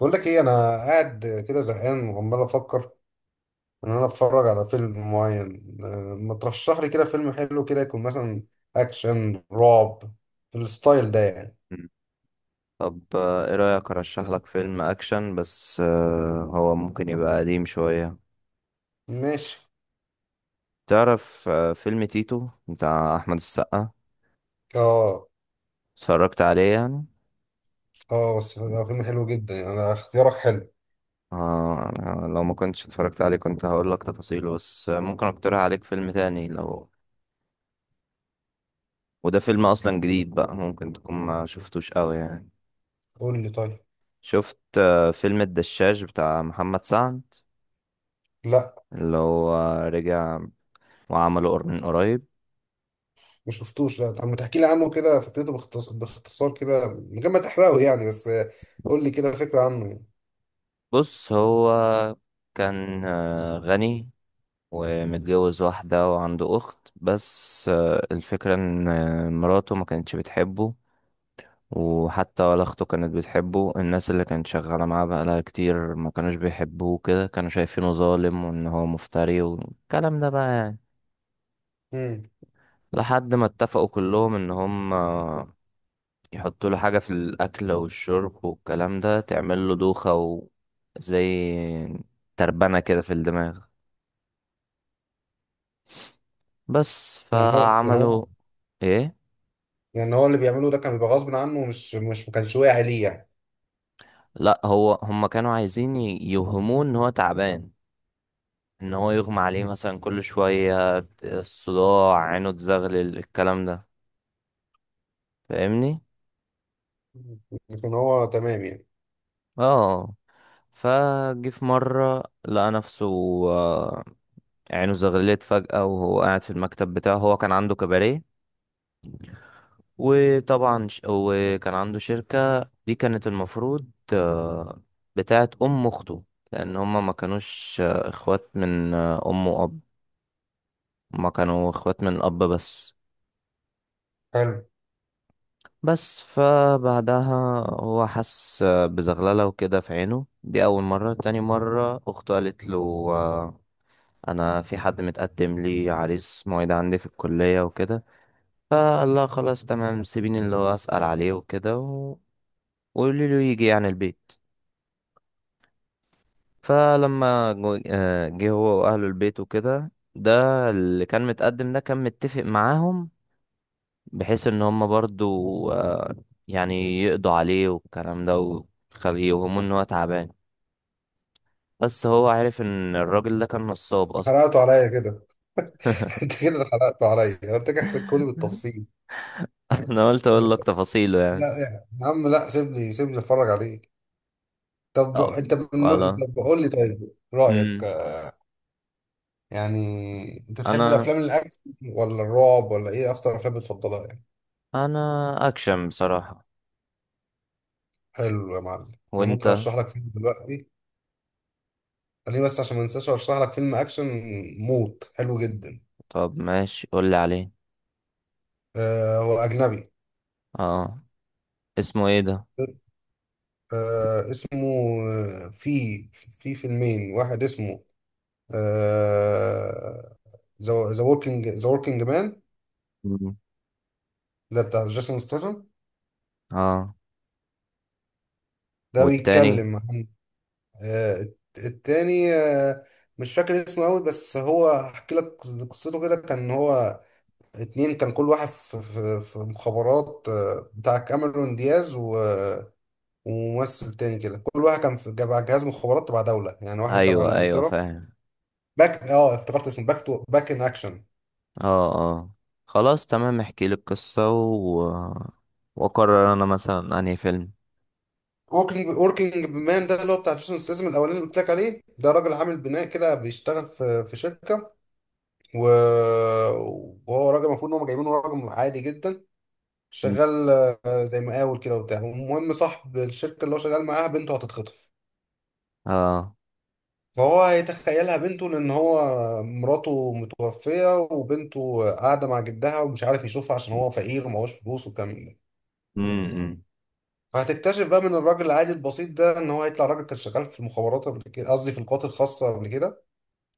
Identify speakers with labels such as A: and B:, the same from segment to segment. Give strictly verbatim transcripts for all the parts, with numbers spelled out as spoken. A: بقول لك ايه انا قاعد كده زهقان وعمال افكر ان انا اتفرج على فيلم معين، آه، ما ترشح لي كده فيلم حلو كده يكون مثلا اكشن رعب في الستايل ده يعني.
B: مم. طب آه، ايه رأيك ارشح لك فيلم اكشن بس آه، هو ممكن يبقى قديم شوية.
A: ماشي.
B: تعرف آه، فيلم تيتو بتاع احمد السقا،
A: اه،
B: اتفرجت عليه يعني؟
A: اه، بس ده فيلم حلو جدا يعني، انا اختيارك حلو.
B: آه أنا لو ما كنتش اتفرجت عليه كنت هقول لك تفاصيله، بس آه، ممكن اقترح عليك فيلم تاني لو، وده فيلم اصلا جديد بقى ممكن تكون ما شفتوش قوي يعني.
A: قول لي طيب.
B: شفت آه، فيلم الدشاش بتاع محمد سعد،
A: لا،
B: اللي هو رجع وعمله قر- من قريب.
A: ما شفتوش. لا طب ما تحكي لي عنه كده، فكرته باختصار باختصار كده من غير ما تحرقه يعني، بس آه، قول لي كده فكرة عنه يعني.
B: بص، هو كان آه، غني ومتجوز واحدة وعنده أخت، بس آه، الفكرة إن آه، مراته ما كانتش بتحبه، وحتى ولا أخته كانت بتحبه. الناس اللي كانت شغالة معاه بقالها كتير ما كانوش بيحبوه، كده كانوا شايفينه ظالم وإن هو مفتري والكلام ده بقى يعني.
A: امم.
B: لحد ما اتفقوا كلهم إن هم آه، يحطوا له حاجة في الأكل والشرب والكلام ده تعمل له دوخة، وزي تربنة كده في الدماغ. بس
A: يعني هو يعني
B: فعملوا
A: هو
B: ايه.
A: يعني هو اللي بيعمله ده كان بيبقى غصب عنه ومش مش ما كانش واعي ليه يعني؟
B: لا، هو هم كانوا عايزين ي- يوهموه ان هو تعبان، ان هو يغمى عليه مثلا كل شوية، الصداع، عينه تزغلل، الكلام ده، فاهمني؟
A: لكن هو تمام يعني.
B: اه. فجه في مرة لقى نفسه آه، عينه زغللت فجأة وهو قاعد في المكتب بتاعه. هو كان عنده كباريه، وطبعا ش- وكان عنده شركة، دي كانت المفروض آه، بتاعت أم أخته، لأن هما ما كانوش آه، إخوات من آه، أم وأب، ما كانوا إخوات من الأب بس.
A: حلو.
B: بس فبعدها هو حس آه، بزغللة وكده في عينه، دي أول مرة. تاني مرة أخته قالت له آه، أنا في حد متقدم لي عريس، مواعيد عندي في الكلية وكده. فقال لها خلاص تمام سيبيني اللي هو أسأل عليه وكده، و- وقولي له يجي يعني البيت. فلما جو- آه، جه هو واهله البيت وكده، ده اللي كان متقدم ده كان متفق معاهم، بحيث ان هم برضو آه، يعني يقضوا عليه والكلام ده، ويخليه يوهموا ان هو تعبان. بس هو عارف ان الراجل ده كان نصاب اصلا.
A: حرقته عليا كده. انت كده حرقته عليا، انا قلت لك احرقه لي بالتفصيل.
B: انا قلت اقول لك تفاصيله
A: لا
B: يعني.
A: يعني يا عم، لا سيبني سيبني اتفرج عليك. طب
B: طب
A: انت من نوع-
B: خلاص.
A: طب قول لي طيب رايك.
B: امم
A: يعني انت بتحب
B: انا
A: الافلام الاكشن، ولا الرعب، ولا ايه اكتر افلام بتفضلها يعني؟
B: انا اكشن بصراحة.
A: حلو يا معلم. انا
B: وانت؟
A: ممكن ارشح لك فيلم دلوقتي، خليني بس عشان ما انساش ارشح لك فيلم اكشن موت حلو جدا.
B: طب ماشي، قول لي عليه.
A: آه هو اجنبي.
B: اه. اسمه ايه ده؟
A: آه اسمه، آه في في فيلمين، واحد اسمه آه ذا وركينج ذا وركينج مان.
B: مم.
A: ده بتاع جيسون ستاثام.
B: اه،
A: ده
B: والتاني؟
A: بيتكلم عن، آه الت- التاني آه مش فاكر اسمه قوي، بس هو هحكي لك قصته. كده كان هو اتنين، كان كل واحد في, في, في مخابرات، آه بتاع كاميرون دياز، و وممثل تاني كده، كل واحد كان في جا- جهاز مخابرات تبع دولة يعني، واحد تبع
B: ايوه ايوه،
A: انجلترا.
B: فاهم.
A: باك، اه افتكرت اسمه باك تو باك ان اكشن.
B: اه اه، خلاص تمام، احكي لي القصة و... واقرر انا مثلا انهي فيلم.
A: وركينج وركينج مان ده اللي هو بتاع جيسون ستاثام الاولاني اللي قلت لك عليه. ده راجل عامل بناء كده بيشتغل في في شركه، و... وهو راجل المفروض ان هم جايبينه راجل عادي جدا،
B: مم.
A: شغال آه، زي مقاول كده وبتاع. المهم صاحب الشركه اللي هو شغال معاها بنته هتتخطف.
B: اه.
A: فهو هيتخيلها بنته، لان هو مراته متوفيه، وبنته قاعده مع جدها ومش عارف يشوفها عشان هو فقير ومعهوش فلوس والكلام ده.
B: امم.
A: فهتكتشف بقى من الراجل العادي البسيط ده ان هو هيطلع راجل كان شغال في المخابرات قبل كده، قصدي في القوات الخاصه قبل كده،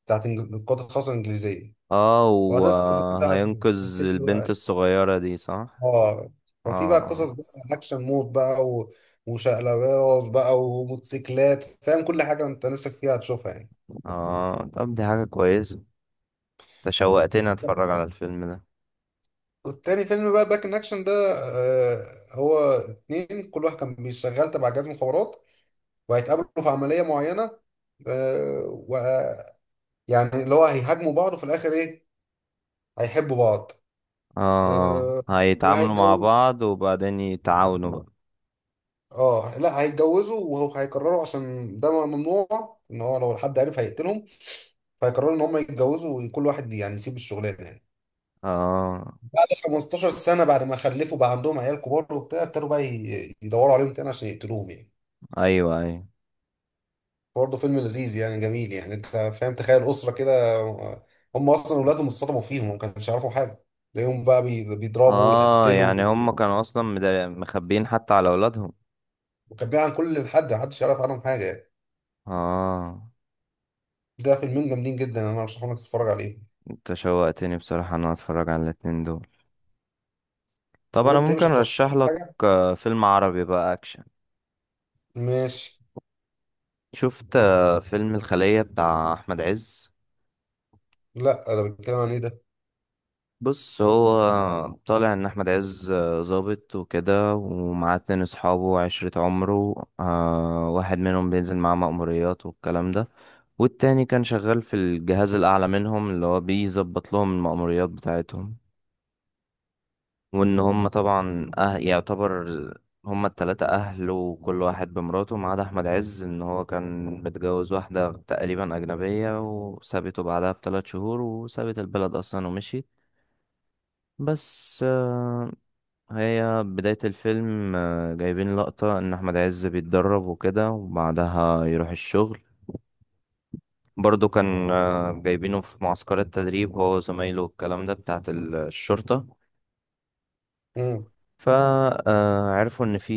A: بتاعت إنج- القوات الخاصه الانجليزيه.
B: اه،
A: وهتبتدي بقى،
B: وهينقذ
A: تبتدي
B: البنت
A: بقى-
B: الصغيرة دي، صح؟
A: اه،
B: اه
A: ففي بقى
B: اه.
A: قصص بقى اكشن مود بقى، و... وشقلباز بقى وموتوسيكلات. فاهم، كل حاجه انت نفسك فيها هتشوفها يعني.
B: آه، طب دي حاجة كويسة، تشوقتني اتفرج على الفيلم ده.
A: والتاني فيلم بقى باك ان اكشن ده، آه هو اتنين كل واحد كان بيشتغل تبع جهاز مخابرات، وهيتقابلوا في عمليه معينه، آه، و يعني اللي هو هيهاجموا بعض، وفي الاخر ايه؟ هيحبوا بعض.
B: اه
A: أه،
B: آه. هيتعاملوا مع
A: وهيتجوز.
B: بعض وبعدين يتعاونوا بقى.
A: اه لا، هيتجوزوا وهيقرروا عشان ده م- ممنوع، ان هو لو حد عرف هيقتلهم. فهيقرروا ان هم يتجوزوا وكل واحد يعني يسيب الشغلانه يعني.
B: اه.
A: بعد خمستاشر سنه، بعد ما خلفوا بقى عندهم عيال كبار وبتاع، ابتدوا بقى ي- يدوروا عليهم تاني عشان يقتلوهم يعني.
B: ايوه ايوه.
A: برضه فيلم لذيذ يعني، جميل يعني. انت فاهم، تخيل اسره كده، آه، هم اصلا اولادهم اتصدموا فيهم وما كانش يعرفوا حاجه، تلاقيهم بقى بي- بيضربوا
B: اه،
A: ويقتلوا،
B: يعني هم كانوا اصلا مدا- مخبيين حتى على اولادهم.
A: وكان بيعمل عن كل حد، محدش يعرف عنهم حاجه يعني.
B: اه.
A: ده فيلمين جامدين جدا، انا برشحهم لك تتفرج عليه.
B: انت شوقتني بصراحة ان انا اتفرج على الاتنين دول. طب انا
A: وانت ايه،
B: ممكن
A: مش هترشح
B: ارشح
A: لي
B: لك
A: حاجه؟
B: آه، فيلم عربي بقى اكشن.
A: ماشي.
B: شفت آه، فيلم الخلية بتاع احمد عز.
A: لا انا بتكلم عن ايه ده؟
B: بص، هو طالع ان احمد عز آه، ظابط وكده، ومعاه اتنين اصحابه وعشرة عمره، آه، واحد منهم بينزل معاه مأموريات والكلام ده، والتاني كان شغال في الجهاز الاعلى منهم اللي هو بيظبط لهم المأموريات بتاعتهم. وان هم طبعا أه يعتبر هم التلاتة اهل، وكل واحد بمراته ما عدا احمد عز ان هو كان متجوز واحدة تقريبا اجنبية وسابته بعدها بثلاث شهور وسابت البلد اصلا ومشيت. بس آه، هي بداية الفيلم آه، جايبين لقطة ان احمد عز بيتدرب وكده وبعدها يروح الشغل. برضو كان آه، جايبينه في معسكر التدريب هو وزمايله والكلام ده بتاعت الشرطة.
A: امم.
B: فعرفوا ان في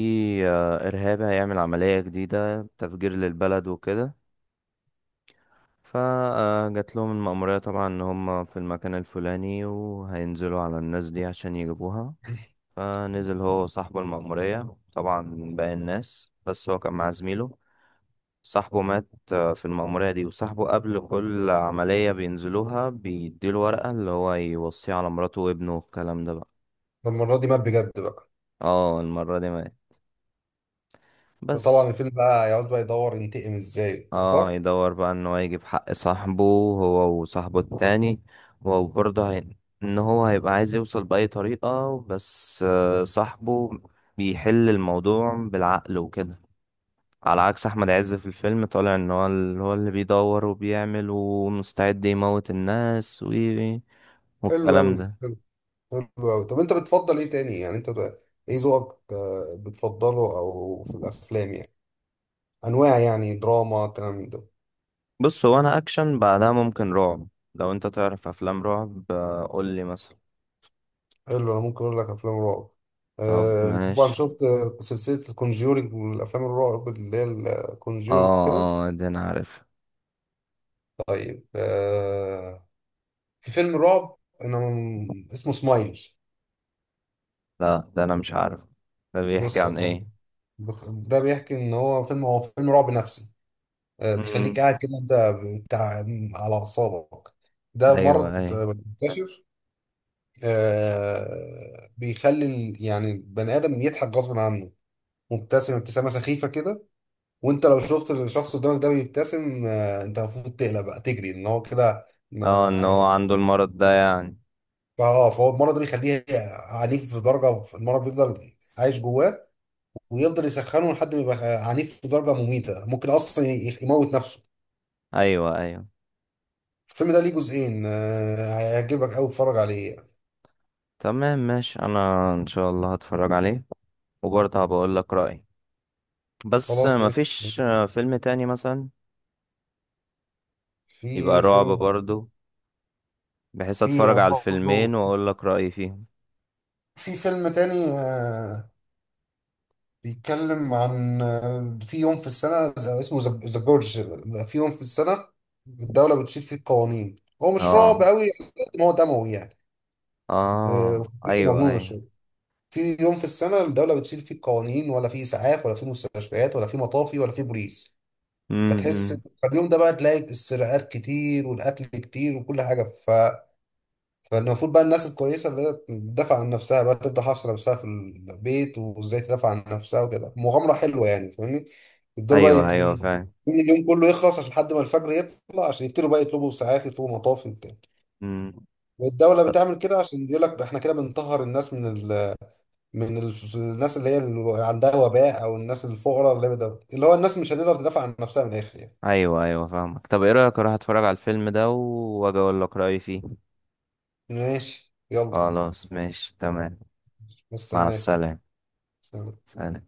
B: آه، ارهابي هيعمل عملية جديدة تفجير للبلد وكده. فجات لهم المأمورية طبعا ان هم في المكان الفلاني وهينزلوا على الناس دي عشان يجيبوها. فنزل هو صاحب المأمورية طبعا من باقي الناس، بس هو كان مع زميله. صاحبه مات آه، في المأمورية دي. وصاحبه قبل كل عملية بينزلوها بيديله ورقة اللي هو يوصيه على مراته وابنه والكلام ده بقى.
A: المره دي مات بجد بقى؟
B: اه، المرة دي مات بس.
A: فطبعا الفيلم بقى هيقعد بقى يدور ينتقم ازاي،
B: اه،
A: صح؟
B: يدور بقى ان هو يجيب حق صاحبه، هو وصاحبه التاني. وبرضه هي... ان هو هيبقى عايز يوصل بأي طريقة، بس آه، صاحبه بيحل الموضوع بالعقل وكده، على عكس احمد عز. في الفيلم طالع ان هو اللي هو اللي بيدور وبيعمل ومستعد يموت الناس و...
A: حلو
B: والكلام
A: قوي.
B: ده.
A: حلو. حلو قوي. طب انت بتفضل ايه تاني يعني؟ انت بت- ايه ذوقك، آه، بتفضله او في الافلام يعني؟ انواع يعني، دراما، كلام من ده.
B: بص، هو انا اكشن بعدها ممكن رعب. لو انت تعرف افلام رعب آه، قول لي مثلا.
A: حلو. انا ممكن اقول لك افلام رعب،
B: طب
A: آه، انت طبعا
B: ماشي.
A: شفت آه، سلسله الكونجورينج والافلام الرعب اللي هي الكونجورينج
B: اه اه، ده انا عارف.
A: كده. في فيلم رعب انا م- اسمه سمايل.
B: لا، ده انا مش عارف. ده بيحكي
A: بص يا
B: عن ايه؟
A: صاحبي، بخ- ده بيحكي ان هو فيلم هو فيلم رعب نفسي. آه، بيخليك
B: امم.
A: قاعد كده انت بتاع، على اعصابك. ده
B: ايوه ايوه.
A: مرض، آه، منتشر، آه، بيخلي ال- يعني البني ادم يضحك غصب عنه، مبتسم ابتسامه سخيفه كده. وانت لو شفت الشخص قدامك ده بيبتسم، آه، انت المفروض تقلق بقى تجري، ان هو كده
B: اه، ان
A: ما-
B: هو عنده المرض ده يعني.
A: فاه فهو المرض ده بيخليه عنيف. في درجه المرض بيفضل عايش جواه، ويفضل يسخنه لحد ما يبقى عنيف لدرجة مميتة، ممكن أصلا ي- يموت نفسه.
B: ايوه ايوه.
A: الفيلم ده ليه جزئين، آه، هيعجبك أوي، اتفرج عليه.
B: تمام ماشي، انا ان شاء الله هتفرج عليه، وبرضه هبقول لك رأيي. بس
A: خلاص ماشي.
B: مفيش آه، فيلم تاني مثلا يبقى
A: في
B: رعب
A: فيلم
B: برضه، بحيث اتفرج
A: في
B: على
A: برضه
B: الفيلمين واقول لك رأيي فيهم.
A: في فيلم تاني، آه، بيتكلم عن، آه، في يوم في السنة، ز- اسمه ذا جورج. في يوم في السنة الدولة بتشيل فيه القوانين. هو مش رعب
B: اه
A: أوي على قد ما هو دموي يعني، آه،
B: اه.
A: وفكرته
B: ايوه
A: مجنونة
B: ايوه.
A: شوية. في يوم في السنة الدولة بتشيل فيه قوانين، ولا فيه إسعاف، ولا فيه مستشفيات، ولا فيه مطافي، ولا فيه بوليس. فتحس
B: امم.
A: اليوم ده بقى تلاقي السرقات كتير والقتل كتير وكل حاجة، ف... فالمفروض بقى الناس الكويسة اللي هي تدافع عن نفسها بقى تفضل حافظة نفسها في البيت، وإزاي تدافع عن نفسها وكده، مغامرة حلوة يعني. فاهمني، يفضلوا بقى
B: ايوه
A: يت...
B: ايوه،
A: يت-
B: فاهم.
A: اليوم كله يخلص عشان، لحد ما الفجر يطلع عشان يبتدوا بقى يطلبوا إسعاف يطلبوا مطافي وبتاع.
B: امم.
A: والدولة بتعمل كده عشان بيقول لك احنا كده بنطهر الناس من، من الف- الناس اللي هي اللي عندها وباء او الناس الفقراء اللي بدأ. اللي هو الناس مش هتقدر تدافع عن نفسها من الاخر يعني.
B: ايوه ايوه، فاهمك. طب ايه رأيك اروح اتفرج على الفيلم ده واجي اقول لك رأيي فيه.
A: ماشي يلا.
B: خلاص ماشي تمام. مع
A: مستناك.
B: السلامة.
A: سلام.
B: سلام